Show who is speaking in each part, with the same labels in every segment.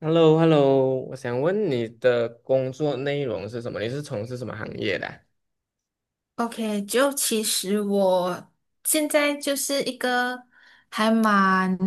Speaker 1: h e l l o h e l l o 我想问你的工作内容是什么？你是从事什么行业的啊？
Speaker 2: OK，就其实我现在就是一个还蛮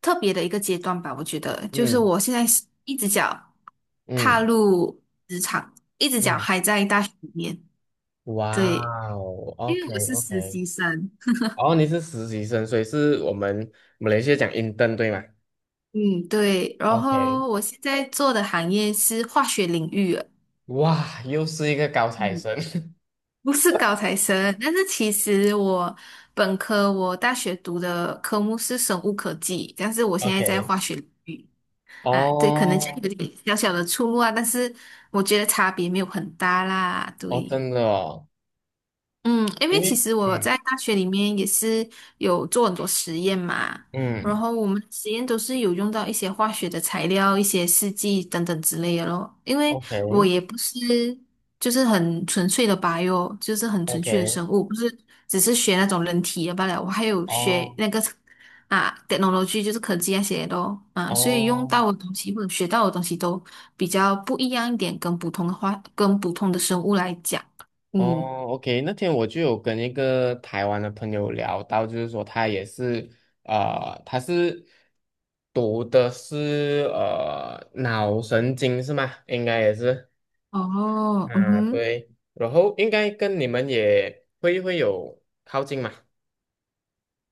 Speaker 2: 特别的一个阶段吧，我觉得就是
Speaker 1: 嗯
Speaker 2: 我现在是一只脚踏
Speaker 1: 嗯，
Speaker 2: 入职场，一只脚
Speaker 1: 嗯，
Speaker 2: 还在大学里面，
Speaker 1: 哇
Speaker 2: 对，
Speaker 1: 哦
Speaker 2: 因为
Speaker 1: ，OK
Speaker 2: 我是实
Speaker 1: OK，
Speaker 2: 习生，
Speaker 1: 哦，你是实习生，所以是我们马来西亚讲 intern 对吗
Speaker 2: 嗯，对，然
Speaker 1: ？OK，
Speaker 2: 后我现在做的行业是化学领域了
Speaker 1: 哇，又是一个高材
Speaker 2: 嗯。
Speaker 1: 生。
Speaker 2: 不是高材生，但是其实我本科我大学读的科目是生物科技，但是我现在在
Speaker 1: OK，
Speaker 2: 化学领域啊，对，可能就
Speaker 1: 哦
Speaker 2: 有点小小的出入啊，但是我觉得差别没有很大啦，
Speaker 1: 哦，
Speaker 2: 对。
Speaker 1: 真的哦，
Speaker 2: 嗯，因
Speaker 1: 因
Speaker 2: 为其
Speaker 1: 为
Speaker 2: 实我
Speaker 1: 嗯，
Speaker 2: 在大学里面也是有做很多实验嘛，然
Speaker 1: 嗯
Speaker 2: 后我们实验都是有用到一些化学的材料、一些试剂等等之类的咯。因为我
Speaker 1: ，OK
Speaker 2: 也不是就是很纯粹的 bio，就是很纯粹的
Speaker 1: OK，
Speaker 2: 生物，不是只是学那种人体的罢了，我还有学
Speaker 1: 哦
Speaker 2: 那个啊 technology，就是科技那些的咯啊，所以用
Speaker 1: 哦。
Speaker 2: 到的东西或者学到的东西都比较不一样一点，跟普通的话，跟普通的生物来讲，嗯。
Speaker 1: 哦，OK，那天我就有跟一个台湾的朋友聊到，就是说他也是，他是读的是脑神经是吗？应该也是，
Speaker 2: 哦，嗯
Speaker 1: 啊，
Speaker 2: 哼，
Speaker 1: 对，然后应该跟你们也会有靠近嘛，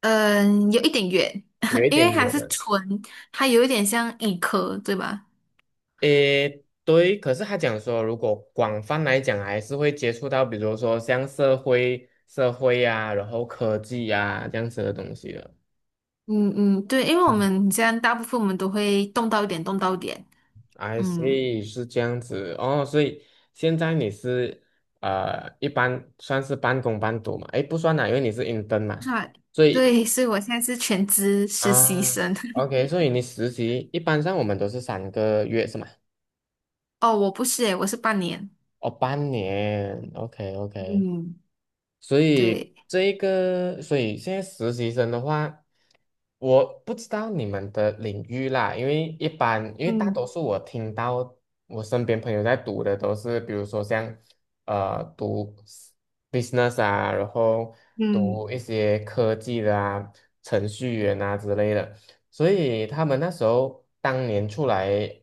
Speaker 2: 嗯，有一点远，
Speaker 1: 有 一
Speaker 2: 因为
Speaker 1: 点
Speaker 2: 还
Speaker 1: 远
Speaker 2: 是
Speaker 1: 了。
Speaker 2: 纯，它有一点像医科，对吧？
Speaker 1: 诶，对，可是他讲说，如果广泛来讲，还是会接触到，比如说像社会、社会呀、然后科技呀、这样子的东西的。
Speaker 2: 嗯嗯，对，因为我们这样大部分我们都会动到一点，动到一点，
Speaker 1: I
Speaker 2: 嗯，
Speaker 1: see，是这样子哦，所以现在你是一般算是半工半读嘛？诶，不算啦，因为你是 intern
Speaker 2: 是
Speaker 1: 嘛，
Speaker 2: 吧
Speaker 1: 所 以
Speaker 2: 对，所以我现在是全职实习
Speaker 1: 啊
Speaker 2: 生。
Speaker 1: ，OK，所以你实习一般上我们都是3个月是吗？
Speaker 2: 哦，我不是诶，我是半年。
Speaker 1: 哦，半年，OK OK，
Speaker 2: 嗯，
Speaker 1: 所以
Speaker 2: 对，
Speaker 1: 这一个，所以现在实习生的话，我不知道你们的领域啦，因为一般，因为大
Speaker 2: 嗯
Speaker 1: 多数我听到我身边朋友在读的都是，比如说像读 business 啊，然后
Speaker 2: 嗯
Speaker 1: 读一些科技的啊、程序员啊之类的，所以他们那时候当年出来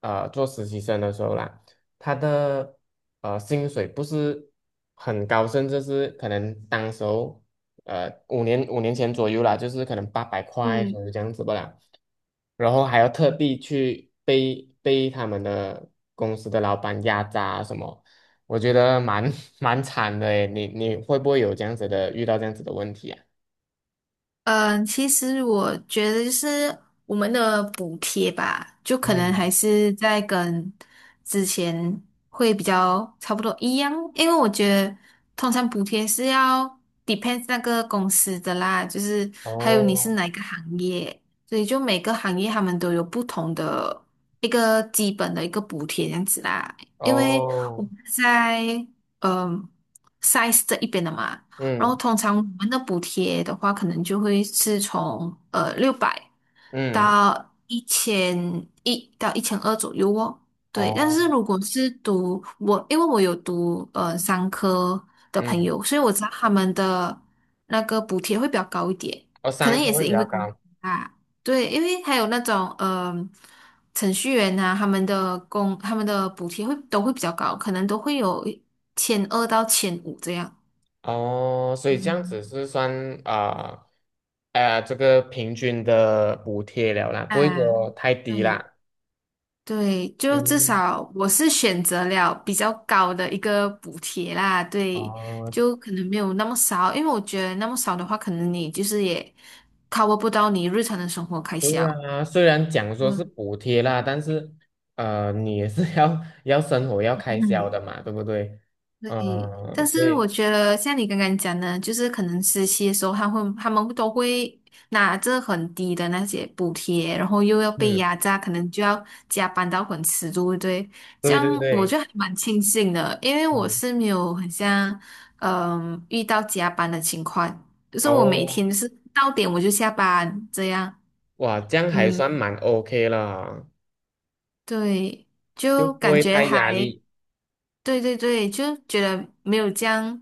Speaker 1: 做实习生的时候啦。他的薪水不是很高，甚至是可能当时候五年前左右啦，就是可能800块
Speaker 2: 嗯。
Speaker 1: 左右这样子不啦，然后还要特地去被他们的公司的老板压榨啊什么，我觉得蛮 蛮惨的诶，你会不会有这样子的遇到这样子的问题啊？
Speaker 2: 嗯，其实我觉得就是我们的补贴吧，就可能
Speaker 1: 嗯，
Speaker 2: 还是在跟之前会比较差不多一样，因为我觉得通常补贴是要 depends 那个公司的啦，就是还有你是
Speaker 1: 哦
Speaker 2: 哪一个行业，所以就每个行业他们都有不同的一个基本的一个补贴这样子啦。因为我
Speaker 1: 哦，
Speaker 2: 们在嗯 size 这一边的嘛。然后
Speaker 1: 嗯
Speaker 2: 通常我们的补贴的话，可能就会是从600
Speaker 1: 嗯，
Speaker 2: 到1100到1200左右哦。对，但是
Speaker 1: 哦，
Speaker 2: 如果是读我，因为我有读商科的朋
Speaker 1: 嗯，
Speaker 2: 友，所以我知道他们的那个补贴会比较高一点，
Speaker 1: 哦，
Speaker 2: 可
Speaker 1: 上
Speaker 2: 能
Speaker 1: 课
Speaker 2: 也
Speaker 1: 会
Speaker 2: 是
Speaker 1: 比
Speaker 2: 因
Speaker 1: 较
Speaker 2: 为工资
Speaker 1: 高。
Speaker 2: 啊，对，因为还有那种程序员啊，他们的补贴会都会比较高，可能都会有千二到1500这样。
Speaker 1: 哦，所以这样
Speaker 2: 嗯。
Speaker 1: 子是算啊，这个平均的补贴了啦，不会
Speaker 2: 啊，
Speaker 1: 说太低
Speaker 2: 对
Speaker 1: 啦。
Speaker 2: 对，就至
Speaker 1: 嗯，
Speaker 2: 少我是选择了比较高的一个补贴啦，对，
Speaker 1: 哦，
Speaker 2: 就可能没有那么少，因为我觉得那么少的话，可能你就是也 cover 不到你日常的生活开
Speaker 1: 对
Speaker 2: 销。
Speaker 1: 啊，虽然讲说是
Speaker 2: 嗯
Speaker 1: 补贴啦，但是你也是 要生活要开销的
Speaker 2: 嗯，
Speaker 1: 嘛，对不对？
Speaker 2: 对，
Speaker 1: 嗯、
Speaker 2: 但
Speaker 1: 所
Speaker 2: 是
Speaker 1: 以
Speaker 2: 我觉得像你刚刚讲的，就是可能实习的时候，他们都会拿着很低的那些补贴，然后又要被
Speaker 1: 嗯，
Speaker 2: 压榨，可能就要加班到很迟，对不对？这
Speaker 1: 对对
Speaker 2: 样我
Speaker 1: 对，
Speaker 2: 就还蛮庆幸的，因为我
Speaker 1: 嗯，
Speaker 2: 是没有很像遇到加班的情况，就是我每
Speaker 1: 哦，
Speaker 2: 天就是到点我就下班这样，
Speaker 1: 哇，这样还
Speaker 2: 嗯，
Speaker 1: 算蛮 OK 了，
Speaker 2: 对，
Speaker 1: 就
Speaker 2: 就
Speaker 1: 不
Speaker 2: 感
Speaker 1: 会
Speaker 2: 觉
Speaker 1: 太压
Speaker 2: 还。
Speaker 1: 力。
Speaker 2: 对对对，就觉得没有这样，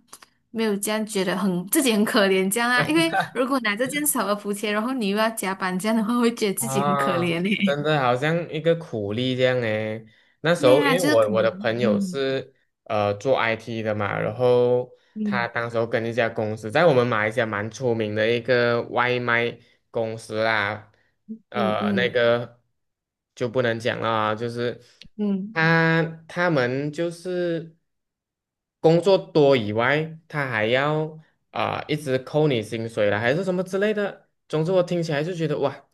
Speaker 2: 没有这样觉得很自己很可怜这样啊。因为如果拿着这样少的补贴，然后你又要加班这样的话，会觉得自己很可
Speaker 1: 啊，
Speaker 2: 怜嘞。
Speaker 1: 真的好像一个苦力这样诶。那 时
Speaker 2: 对
Speaker 1: 候因
Speaker 2: 呀，
Speaker 1: 为
Speaker 2: 就是
Speaker 1: 我
Speaker 2: 可
Speaker 1: 我的
Speaker 2: 能，
Speaker 1: 朋友
Speaker 2: 嗯
Speaker 1: 是做 IT 的嘛，然后他
Speaker 2: 嗯
Speaker 1: 当时候跟一家公司，在我们马来西亚蛮出名的一个外卖公司啦，
Speaker 2: 嗯
Speaker 1: 那
Speaker 2: 嗯
Speaker 1: 个就不能讲了啊，就是
Speaker 2: 嗯
Speaker 1: 他他们就是工作多以外，他还要啊、一直扣你薪水啦，还是什么之类的。总之我听起来就觉得哇。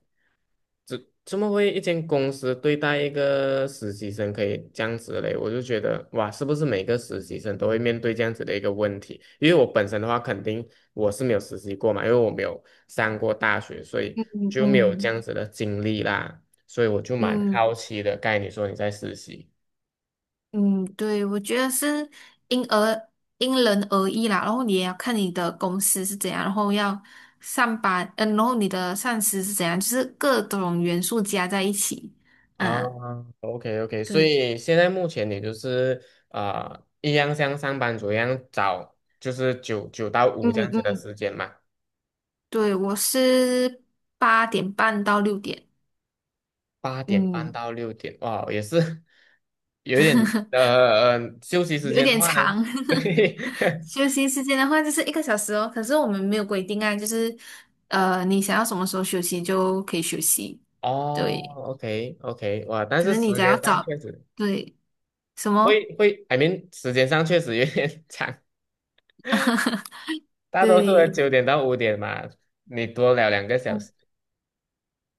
Speaker 1: 这怎么会一间公司对待一个实习生可以这样子嘞？我就觉得哇，是不是每个实习生都会面对这样子的一个问题？因为我本身的话，肯定我是没有实习过嘛，因为我没有上过大学，所以
Speaker 2: 嗯嗯
Speaker 1: 就没有这
Speaker 2: 嗯
Speaker 1: 样子的经历啦，所以我就蛮
Speaker 2: 嗯，
Speaker 1: 好奇的。刚才你说你在实习
Speaker 2: 嗯对，我觉得是因而因人而异啦。然后你也要看你的公司是怎样，然后要上班，然后你的上司是怎样，就是各种元素加在一起，
Speaker 1: 啊
Speaker 2: 啊，
Speaker 1: ，OK OK，所
Speaker 2: 对。
Speaker 1: 以现在目前你就是啊、一样像上班族一样找，就是九到五这
Speaker 2: 嗯
Speaker 1: 样子的
Speaker 2: 嗯
Speaker 1: 时间嘛。
Speaker 2: 对，我是8:30到6:00，
Speaker 1: 八点半
Speaker 2: 嗯，
Speaker 1: 到六点，哇，也是 有一点 休息时
Speaker 2: 有
Speaker 1: 间的
Speaker 2: 点
Speaker 1: 话呢，
Speaker 2: 长。
Speaker 1: 对，
Speaker 2: 休息时间的话就是一个小时哦，可是我们没有规定啊，就是，你想要什么时候休息就可以休息。
Speaker 1: 哦
Speaker 2: 对，
Speaker 1: ，OK OK，哇，但
Speaker 2: 可
Speaker 1: 是
Speaker 2: 是你
Speaker 1: 时
Speaker 2: 只要
Speaker 1: 间上确
Speaker 2: 早，
Speaker 1: 实
Speaker 2: 对，什
Speaker 1: 会
Speaker 2: 么？
Speaker 1: 会，I m 时间上确实有点 长，大多数人
Speaker 2: 对，
Speaker 1: 9点到5点嘛，你多聊两个小
Speaker 2: 嗯，
Speaker 1: 时。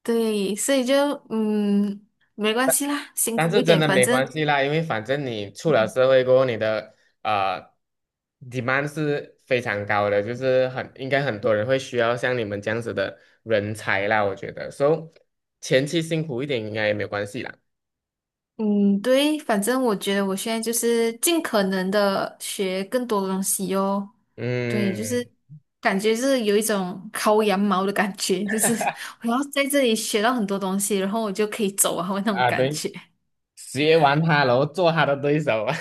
Speaker 2: 对，所以就嗯，没关系啦，辛
Speaker 1: 但
Speaker 2: 苦
Speaker 1: 是
Speaker 2: 一
Speaker 1: 真
Speaker 2: 点，
Speaker 1: 的
Speaker 2: 反
Speaker 1: 没
Speaker 2: 正。
Speaker 1: 关系啦，因为反正你出了
Speaker 2: 嗯
Speaker 1: 社会过后，你的呃 demand 是非常高的，就是很应该很多人会需要像你们这样子的人才啦，我觉得，so 前期辛苦一点应该也没有关系啦。
Speaker 2: 嗯，对，反正我觉得我现在就是尽可能的学更多的东西哟。对，就是
Speaker 1: 嗯，
Speaker 2: 感觉是有一种薅羊毛的感觉，就是我要在这里学到很多东西，然后我就可以走啊，那种
Speaker 1: 啊
Speaker 2: 感
Speaker 1: 对，
Speaker 2: 觉。
Speaker 1: 学完他，然后做他的对手啊，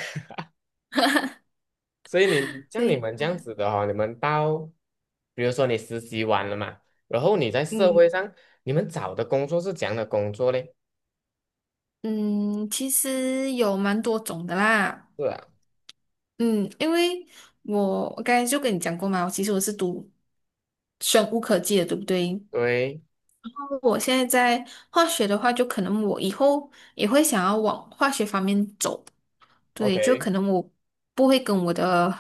Speaker 1: 所以你像你
Speaker 2: 对，
Speaker 1: 们这样子的哦，你们到比如说你实习完了嘛，然后你在社会
Speaker 2: 嗯
Speaker 1: 上，你们找的工作是怎样的工作嘞？
Speaker 2: 嗯，其实有蛮多种的啦。
Speaker 1: 是啊，
Speaker 2: 嗯，因为我刚才就跟你讲过嘛，其实我是读生物科技的，对不对？
Speaker 1: 对
Speaker 2: 我现在在化学的话，就可能我以后也会想要往化学方面走。对，就
Speaker 1: ，OK。
Speaker 2: 可能我不会跟我的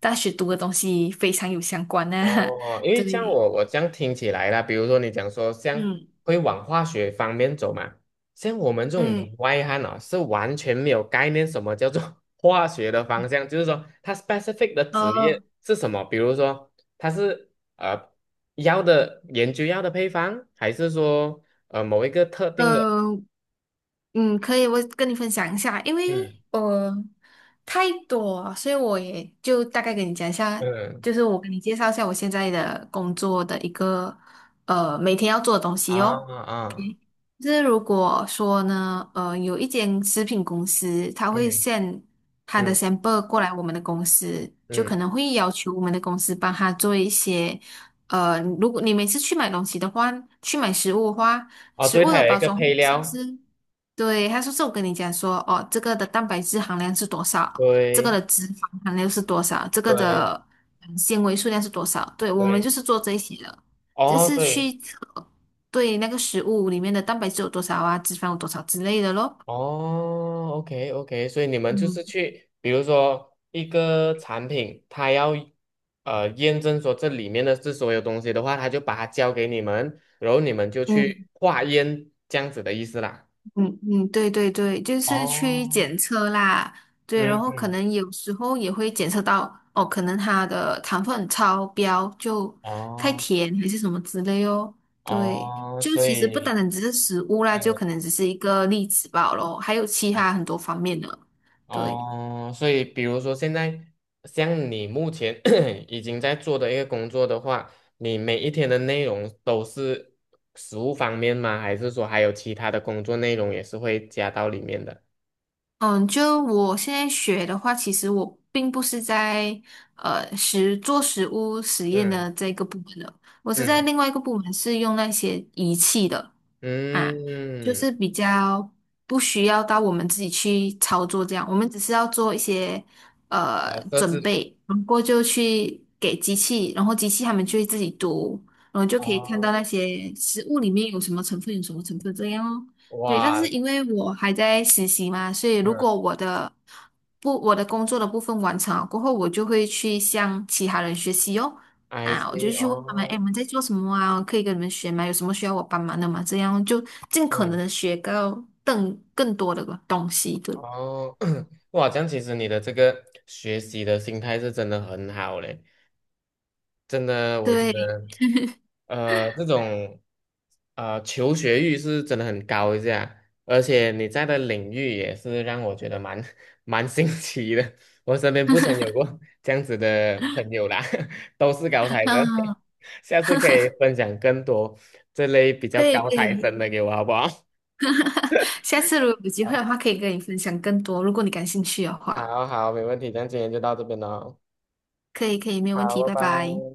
Speaker 2: 大学读的东西非常有相关呢、啊
Speaker 1: 哦，因 为像
Speaker 2: 对，
Speaker 1: 我这样听起来啦，比如说你讲说像
Speaker 2: 嗯
Speaker 1: 会往化学方面走嘛，像我们这种
Speaker 2: 嗯，
Speaker 1: 门外汉啊，是完全没有概念什么叫做 化学的方向，就是说它 specific 的职
Speaker 2: 呃
Speaker 1: 业是什么，比如说它是药的研究药的配方，还是说某一个特定的，
Speaker 2: 呃可以，我跟你分享一下，因为
Speaker 1: 嗯
Speaker 2: 太多了所以我也就大概跟你讲一下，
Speaker 1: 嗯
Speaker 2: 就是我给你介绍一下我现在的工作的一个每天要做的东
Speaker 1: 啊
Speaker 2: 西哦。
Speaker 1: 啊
Speaker 2: 就是如果说呢，有一间食品公司，他会
Speaker 1: 嗯
Speaker 2: s 他的
Speaker 1: 嗯
Speaker 2: sample 过来我们的公司，就
Speaker 1: 嗯，
Speaker 2: 可能会要求我们的公司帮他做一些，如果你每次去买东西的话，去买食物的话，
Speaker 1: 哦，
Speaker 2: 食
Speaker 1: 对，
Speaker 2: 物
Speaker 1: 它
Speaker 2: 的
Speaker 1: 有一
Speaker 2: 包
Speaker 1: 个
Speaker 2: 装
Speaker 1: 配
Speaker 2: 是不
Speaker 1: 料，
Speaker 2: 是？对，他说是我跟你讲说，哦，这个的蛋白质含量是多少，这个
Speaker 1: 对
Speaker 2: 的脂肪含量是多少，这个
Speaker 1: 对
Speaker 2: 的纤维数量是多少？对，我们
Speaker 1: 对，
Speaker 2: 就是做这些的，就
Speaker 1: 哦
Speaker 2: 是
Speaker 1: 对。
Speaker 2: 去测。对那个食物里面的蛋白质有多少啊，脂肪有多少之类的咯。
Speaker 1: 哦，OK OK，所以你们就
Speaker 2: 嗯
Speaker 1: 是去，比如说一个产品，它要验证说这里面的是所有东西的话，它就把它交给你们，然后你们就
Speaker 2: 嗯
Speaker 1: 去化验这样子的意思啦。
Speaker 2: 嗯嗯，对对对，就是去
Speaker 1: 哦，
Speaker 2: 检测啦，对，然
Speaker 1: 嗯
Speaker 2: 后可
Speaker 1: 嗯，
Speaker 2: 能有时候也会检测到，哦，可能它的糖分超标，就太
Speaker 1: 哦
Speaker 2: 甜还是什么之类哦。对，
Speaker 1: 哦，
Speaker 2: 就
Speaker 1: 所
Speaker 2: 其实不单
Speaker 1: 以，
Speaker 2: 单只是食物啦，就
Speaker 1: 嗯。
Speaker 2: 可能只是一个例子罢咯，还有其他很多方面的。对。
Speaker 1: 哦，所以比如说现在像你目前 已经在做的一个工作的话，你每一天的内容都是食物方面吗？还是说还有其他的工作内容也是会加到里面的？
Speaker 2: 嗯，就我现在学的话，其实我并不是在实物实验
Speaker 1: 嗯
Speaker 2: 的这个部门的，我是在
Speaker 1: 嗯
Speaker 2: 另外一个部门是用那些仪器的，啊，就
Speaker 1: 嗯，
Speaker 2: 是比较不需要到我们自己去操作这样，我们只是要做一些
Speaker 1: 哦，设
Speaker 2: 准
Speaker 1: 置
Speaker 2: 备，然后就去给机器，然后机器他们就会自己读，然后就可以看
Speaker 1: 哦，
Speaker 2: 到那些食物里面有什么成分，有什么成分这样哦。对，但
Speaker 1: 哇，
Speaker 2: 是因为我还在实习嘛，所以如
Speaker 1: 嗯
Speaker 2: 果我的不我的工作的部分完成了过后，我就会去向其他人学习哦。
Speaker 1: ，I s
Speaker 2: 啊，我就
Speaker 1: e
Speaker 2: 去问他们，哎，
Speaker 1: 哦，
Speaker 2: 你们在做什么啊？可以跟你们学吗？有什么需要我帮忙的吗？这样就尽可能
Speaker 1: 嗯
Speaker 2: 的学到更多的东西对？
Speaker 1: 哦，哇，这样其实你的这个学习的心态是真的很好嘞，真的，我觉
Speaker 2: 对，
Speaker 1: 得。这种求学欲是真的很高一下，而且你在的领域也是让我觉得蛮 蛮新奇的。我身边不曾有过这样子的朋友啦，都是高材生。
Speaker 2: 嗯，
Speaker 1: 下次可以分享更多这类比较
Speaker 2: 可以
Speaker 1: 高
Speaker 2: 可
Speaker 1: 材
Speaker 2: 以，
Speaker 1: 生的给我，好不好？
Speaker 2: 下次如果有机会 的话，可以跟你分享更多，如果你感兴趣的
Speaker 1: 好
Speaker 2: 话，
Speaker 1: 好，好没问题，那今天就到这边喽。
Speaker 2: 可以可以，没有问题，
Speaker 1: 好，
Speaker 2: 拜
Speaker 1: 拜
Speaker 2: 拜。
Speaker 1: 拜。